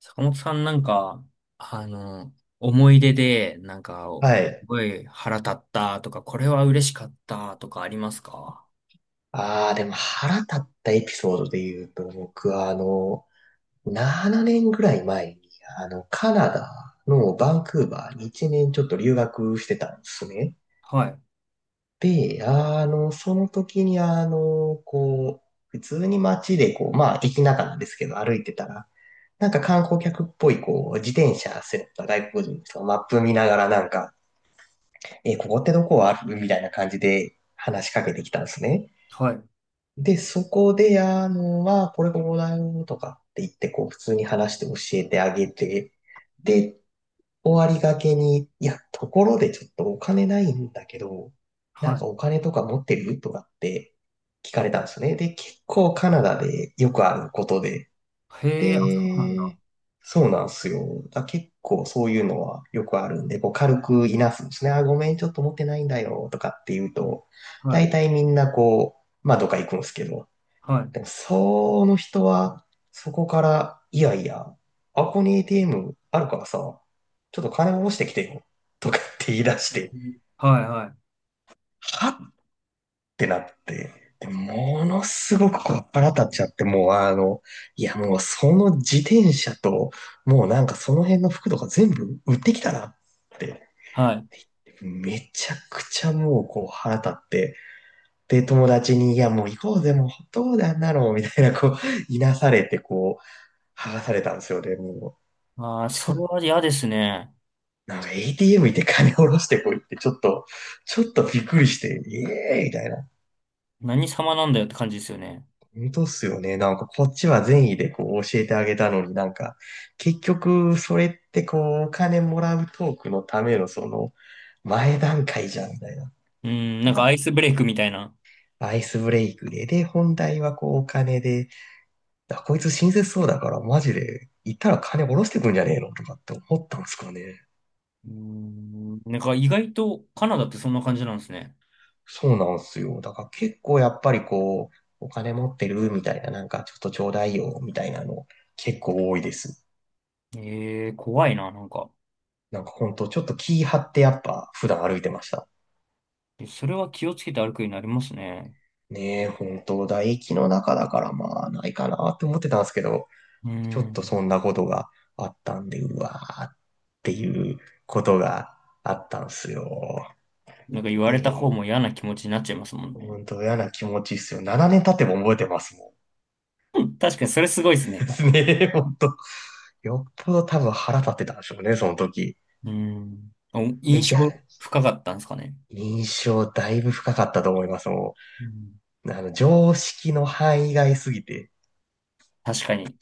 坂本さんあの、思い出で、はすい。ごい腹立ったとか、これは嬉しかったとかありますか？ああ、でも腹立ったエピソードで言うと、僕は7年ぐらい前に、カナダのバンクーバーに1年ちょっと留学してたんですね。はい、で、その時に普通に街でまあ、駅中なんですけど、歩いてたら、なんか観光客っぽい、自転車背負った外国人の人がマップ見ながらなんか、え、ここってどこあるみたいな感じで話しかけてきたんですね。はい、で、そこで、これこうだよとかって言って、普通に話して教えてあげて、で、終わりがけに、いや、ところでちょっとお金ないんだけど、なんかはお金とか持ってるとかって聞かれたんですね。で、結構カナダでよくあることで、い。へえ、あ、そうなんだ。で、そうなんですよ。だ結構そういうのはよくあるんで、こう軽くいなすんですね。あ、ごめん、ちょっと持ってないんだよとかって言うと、は大い、体みんなまあどっか行くんですけど、はい。でも、その人は、そこから、いやいや、あこに ATM あるからさ、ちょっと金下ろしてきてよ、とかって言い出しうて、ん、はい、はい。はってなって、で、ものすごくこう腹立っちゃって、もういやもうその自転車と、もうなんかその辺の服とか全部売ってきたなって、はい。めちゃくちゃもうこう腹立って、で、友達に、いやもう行こうぜ、もうどうだあんなの、みたいなこう、いなされて、こう、剥がされたんですよ。で、もう、ああ、ちょそっれと、は嫌ですね。なんか ATM 行って金下ろしてこいって、ちょっとびっくりして、ええー、みたいな。何様なんだよって感じですよね。本当っすよね。なんかこっちは善意でこう教えてあげたのになんか、結局それってこうお金もらうトークのためのその前段階じゃんみたいな。うん、なんかアイスブレイクみたいな。アイスブレイクで、で、本題はこうお金で、あこいつ親切そうだからマジで行ったら金下ろしてくんじゃねえのとかって思ったんですかね。うん、なんか意外とカナダってそんな感じなんですね。そうなんすよ。だから結構やっぱりこう、お金持ってるみたいな、なんかちょっとちょうだいよみたいなの結構多いです。ええ、怖いな、なんか。なんかほんとちょっと気張ってやっぱ普段歩いてました。それは気をつけて歩くようになりますね。ねえ、ほんと唾液の中だからまあないかなって思ってたんですけど、うちょっとん。そんなことがあったんで、うわーっていうことがあったんすよ。なんか言わえれたえ、方も嫌な気持ちになっちゃいますもんほね。んと嫌な気持ちっすよ。7年経っても覚えてますもん。うん、確かにそれすごいです でね。すね、ほんと。よっぽど多分腹立ってたんでしょうね、その時。うん。おえ、い印象や、深かったんですかね。印象だいぶ深かったと思います。もうん。う、あの、常識の範囲外すぎて。確かに。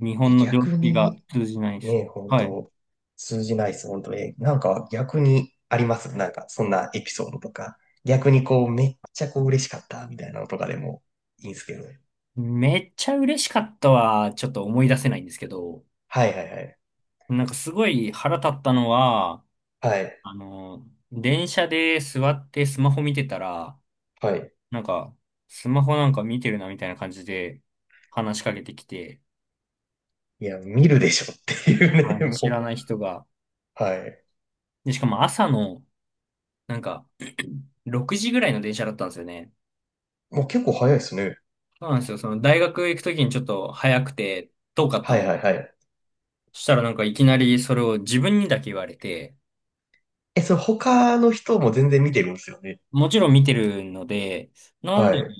日え、本の常逆識がに、通じないです。ね、本はい。当通じないです、本当え、なんか逆にありますなんか、そんなエピソードとか。逆にこう、めっちゃこう嬉しかった、みたいなのとかでもいいんですけどね。めっちゃ嬉しかったは、ちょっと思い出せないんですけど、はいはいはい。なんかすごい腹立ったのは、はい、あの、電車で座ってスマホ見てたら、はい。なんか、スマホなんか見てるなみたいな感じで話しかけてきて、いや、見るでしょっていうあのね、知もらない人が、う。はい。で、しかも朝の、なんか、6時ぐらいの電車だったんですよね。もう結構早いですね。そうなんですよ。その大学行くときにちょっと早くて遠かったはいのはいで。はい。そしたらなんかいきなりそれを自分にだけ言われて、え、それ他の人も全然見てるんですよね。もちろん見てるので、なんはで、い。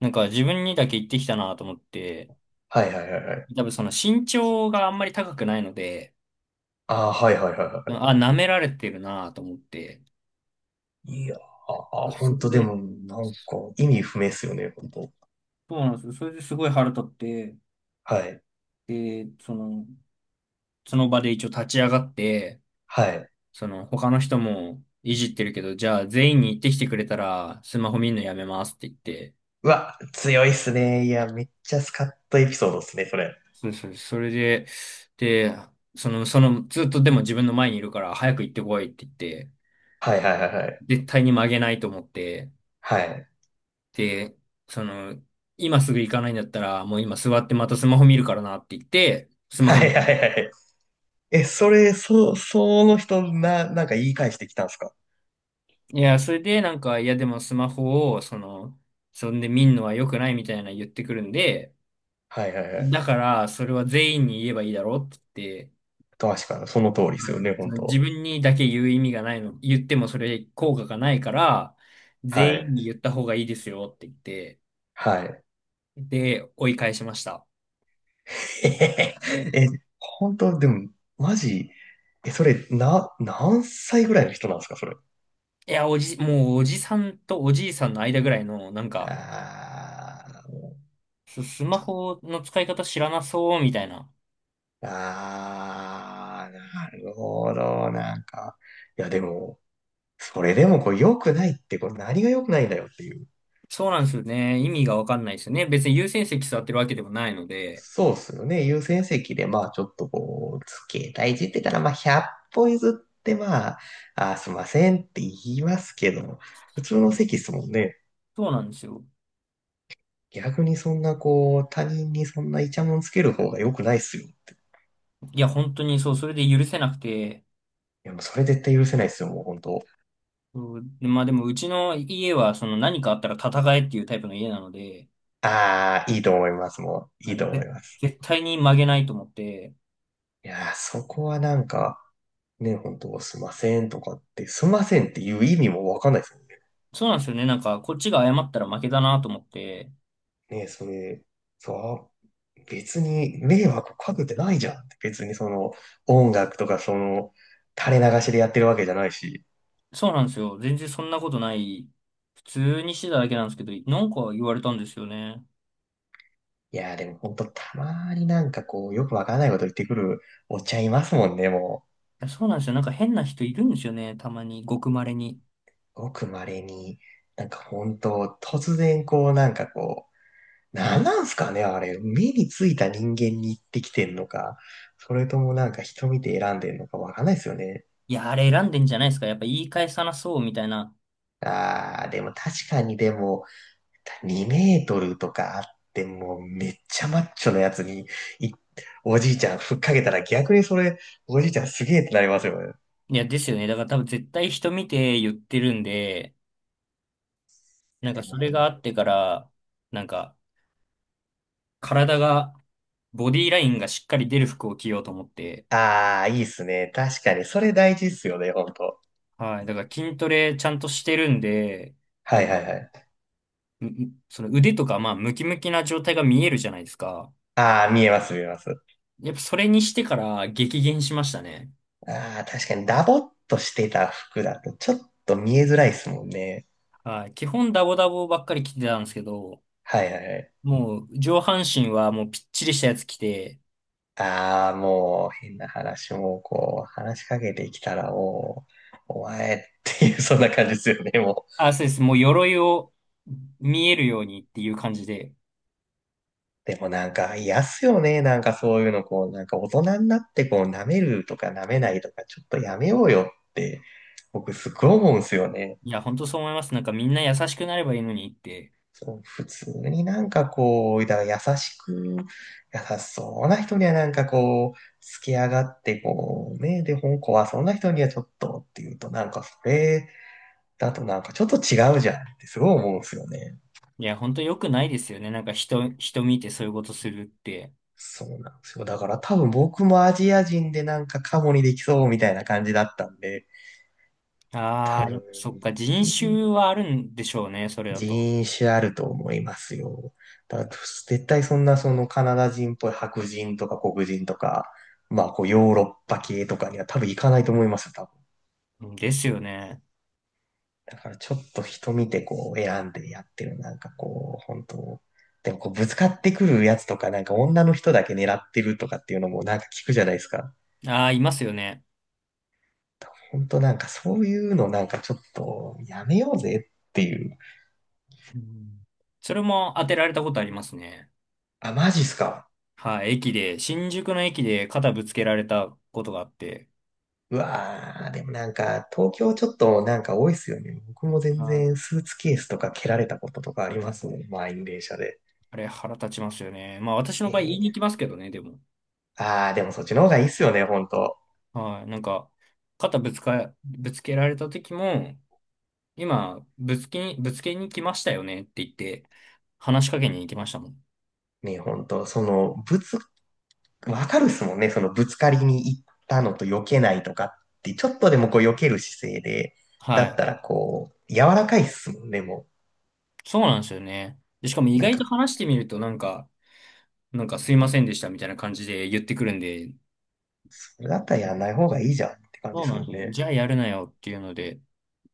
なんか自分にだけ言ってきたなと思って、はいはいはいはい。多分その身長があんまり高くないので、ああ、はいはいはいはあ、舐められてるなと思って、い。ああ、そ本こ当でで、も、なんか、意味不明っすよね、本当。そうなんですよ。それですごい腹立って、はい。で、その、その場で一応立ち上がって、はい。その、他の人もいじってるけど、じゃあ全員に言ってきてくれたら、スマホ見るのやめますって言って、うわ、強いっすね。いや、めっちゃスカッとエピソードっすね、それ。そうそう、それで、で、ずっとでも自分の前にいるから、早く行ってこいって言って、はいはいはいはい。絶対に曲げないと思って、はい。で、その、今すぐ行かないんだったら、もう今座ってまたスマホ見るからなって言って、スマホは見いはまいはした。い。え、それ、その人、なんか言い返してきたんすかいや、それでなんか、いやでもスマホを、その、そんで見んのは良くないみたいな言ってくるんで、はいはいはい。だから、それは全員に言えばいいだろうって言って、確かに、その通りっすはよい。ね、そ本の自当。分にだけ言う意味がないの、言ってもそれ効果がないから、は全い。員に言った方がいいですよって言って、はい。で、追い返しました。え、本当、でも、マジ、え、それ、何歳ぐらいの人なんですか、それ。いや、おじ、もうおじさんとおじいさんの間ぐらいの、なんあか、ース、スマホの使い方知らなそうみたいな。あー、なるほど、なんか。いや、でも、それでもこう良くないって、これ何が良くないんだよっていう。そうなんですよね。意味がわかんないですよね。別に優先席座ってるわけでもないので。そうっすよね。優先席で、まあちょっとこう、携帯いじってたら、まあ100歩譲って、まあ、あーすいませんって言いますけど、普通の席っすもんね。そうなんですよ。逆にそんなこう、他人にそんなイチャモンつける方が良くないっすよって。いいや、本当にそう、それで許せなくて、や、もうそれ絶対許せないっすよ、もう本当。そう、まあでも、うちの家は、その何かあったら戦えっていうタイプの家なので、ああ、いいと思います、もう。いはいとい、思いで、ます。絶対に曲げないと思って、いやー、そこはなんか、ね、本当すいませんとかって、すいませんっていう意味もわかんないですもんね。そうなんですよね。なんか、こっちが謝ったら負けだなと思って、ね、それ、そう、別に迷惑かけてないじゃんって。別にその、音楽とかその、垂れ流しでやってるわけじゃないし。そうなんですよ。全然そんなことない。普通にしてただけなんですけど、なんか言われたんですよね。いやー、でも本当たまになんかこう、よくわかんないこと言ってくるおっちゃんいますもんね、もいや、そうなんですよ。なんか変な人いるんですよね。たまに、ごく稀に。う。ごく稀に、なんか本当突然こう、なんかこう、なんなんすかね、あれ。目についた人間に行ってきてんのか、それともなんか人見て選んでんのかわかんないですよね。いや、あれ選んでんじゃないですか。やっぱ言い返さなそうみたいな。あー、でも確かにでも、2メートルとかあっても、めっちゃマッチョなやつに、いおじいちゃんふっかけたら逆にそれ、おじいちゃんすげえってなりますよね。いいや、ですよね。だから多分絶対人見て言ってるんで、や、なんかでもそれほがん、あってから、なんか、体が、ボディラインがしっかり出る服を着ようと思って、あー、いいっすね。確かに、それ大事っすよね、ほんと。はい。だから筋トレちゃんとしてるんで、なはんいはか、いはい。ううその腕とか、まあ、ムキムキな状態が見えるじゃないですか。あー、見えます見えます。やっぱそれにしてから激減しましたね。あー、確かにダボっとしてた服だとちょっと見えづらいっすもんね。はい。基本ダボダボばっかり着てたんですけど、はいはいはい。もう上半身はもうぴっちりしたやつ着て、ああ、もう変な話もこう、話しかけてきたらもう、お前っていう、そんな感じですよね、もう。あ、そうです。もう鎧を見えるようにっていう感じで。でもなんか、嫌っすよね、なんかそういうの、こう、なんか大人になってこう、舐めるとか舐めないとか、ちょっとやめようよって、僕すっごい思うんですよね。いや、本当そう思います。なんかみんな優しくなればいいのにって。そう、普通になんかこう、だから優しく、優しそうな人にはなんかこう、好き上がってこう、ね、で、本校はそんな人にはちょっとっていうと、なんかそれ、だとなんかちょっと違うじゃんってすごい思うんですよね。いや、本当良くないですよね。なんか人、人見てそういうことするって。そうなんですよ。だから多分僕もアジア人でなんかカモにできそうみたいな感じだったんで、あ多あ、分、そっか、人種はあるんでしょうね、それだと。人種あると思いますよ。だから絶対そんなそのカナダ人っぽい白人とか黒人とか、まあこうヨーロッパ系とかには多分行かないと思いますよ、多うん、ですよね。だからちょっと人見てこう選んでやってる。なんかこう、本当でもこうぶつかってくるやつとか、なんか女の人だけ狙ってるとかっていうのもなんか聞くじゃないですか。ああ、いますよね。本当なんかそういうのなんかちょっとやめようぜっていう。うん、それも当てられたことありますね。あ、マジっすか。はい、駅で、新宿の駅で肩ぶつけられたことがあって、うわー、でもなんか東京ちょっとなんか多いっすよね。僕も全は然い、スーツケースとか蹴られたこととかありますね。満員電車で。あれ腹立ちますよね。まあ私えの場合言いー、に行きますけどね、でも。あー、でもそっちの方がいいっすよね、本当はい、なんか、肩ぶつか、ぶつけられた時も、今、ぶつけに、ぶつけに来ましたよねって言って、話しかけに行きましたもん。ね、本当その、物わかるっすもんね。そのぶつかりに行ったのと避けないとかって、ちょっとでもこう避ける姿勢で、だはっい。たらこう、柔らかいっすもんね、もそうなんですよね。で、しかもう。意なん外とか、話してみると、なんか、なんかすいませんでしたみたいな感じで言ってくるんで、それだったらうやんなん、い方がいいじゃんって感じそでうすなんもんですよ。ね。じゃあやるなよっていうので、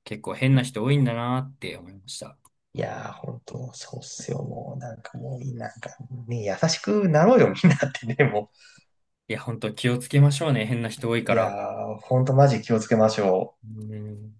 結構変な人多いんだなって思いました。いやー、ほんと、そうっすよ、もう。なんかもう、なんかね、優しくなろうよ、みんなってうね、ん、もいや、本当気をつけましょうね。変な人多いう。かいやら。ー、ほんとマジ気をつけましょう。うん。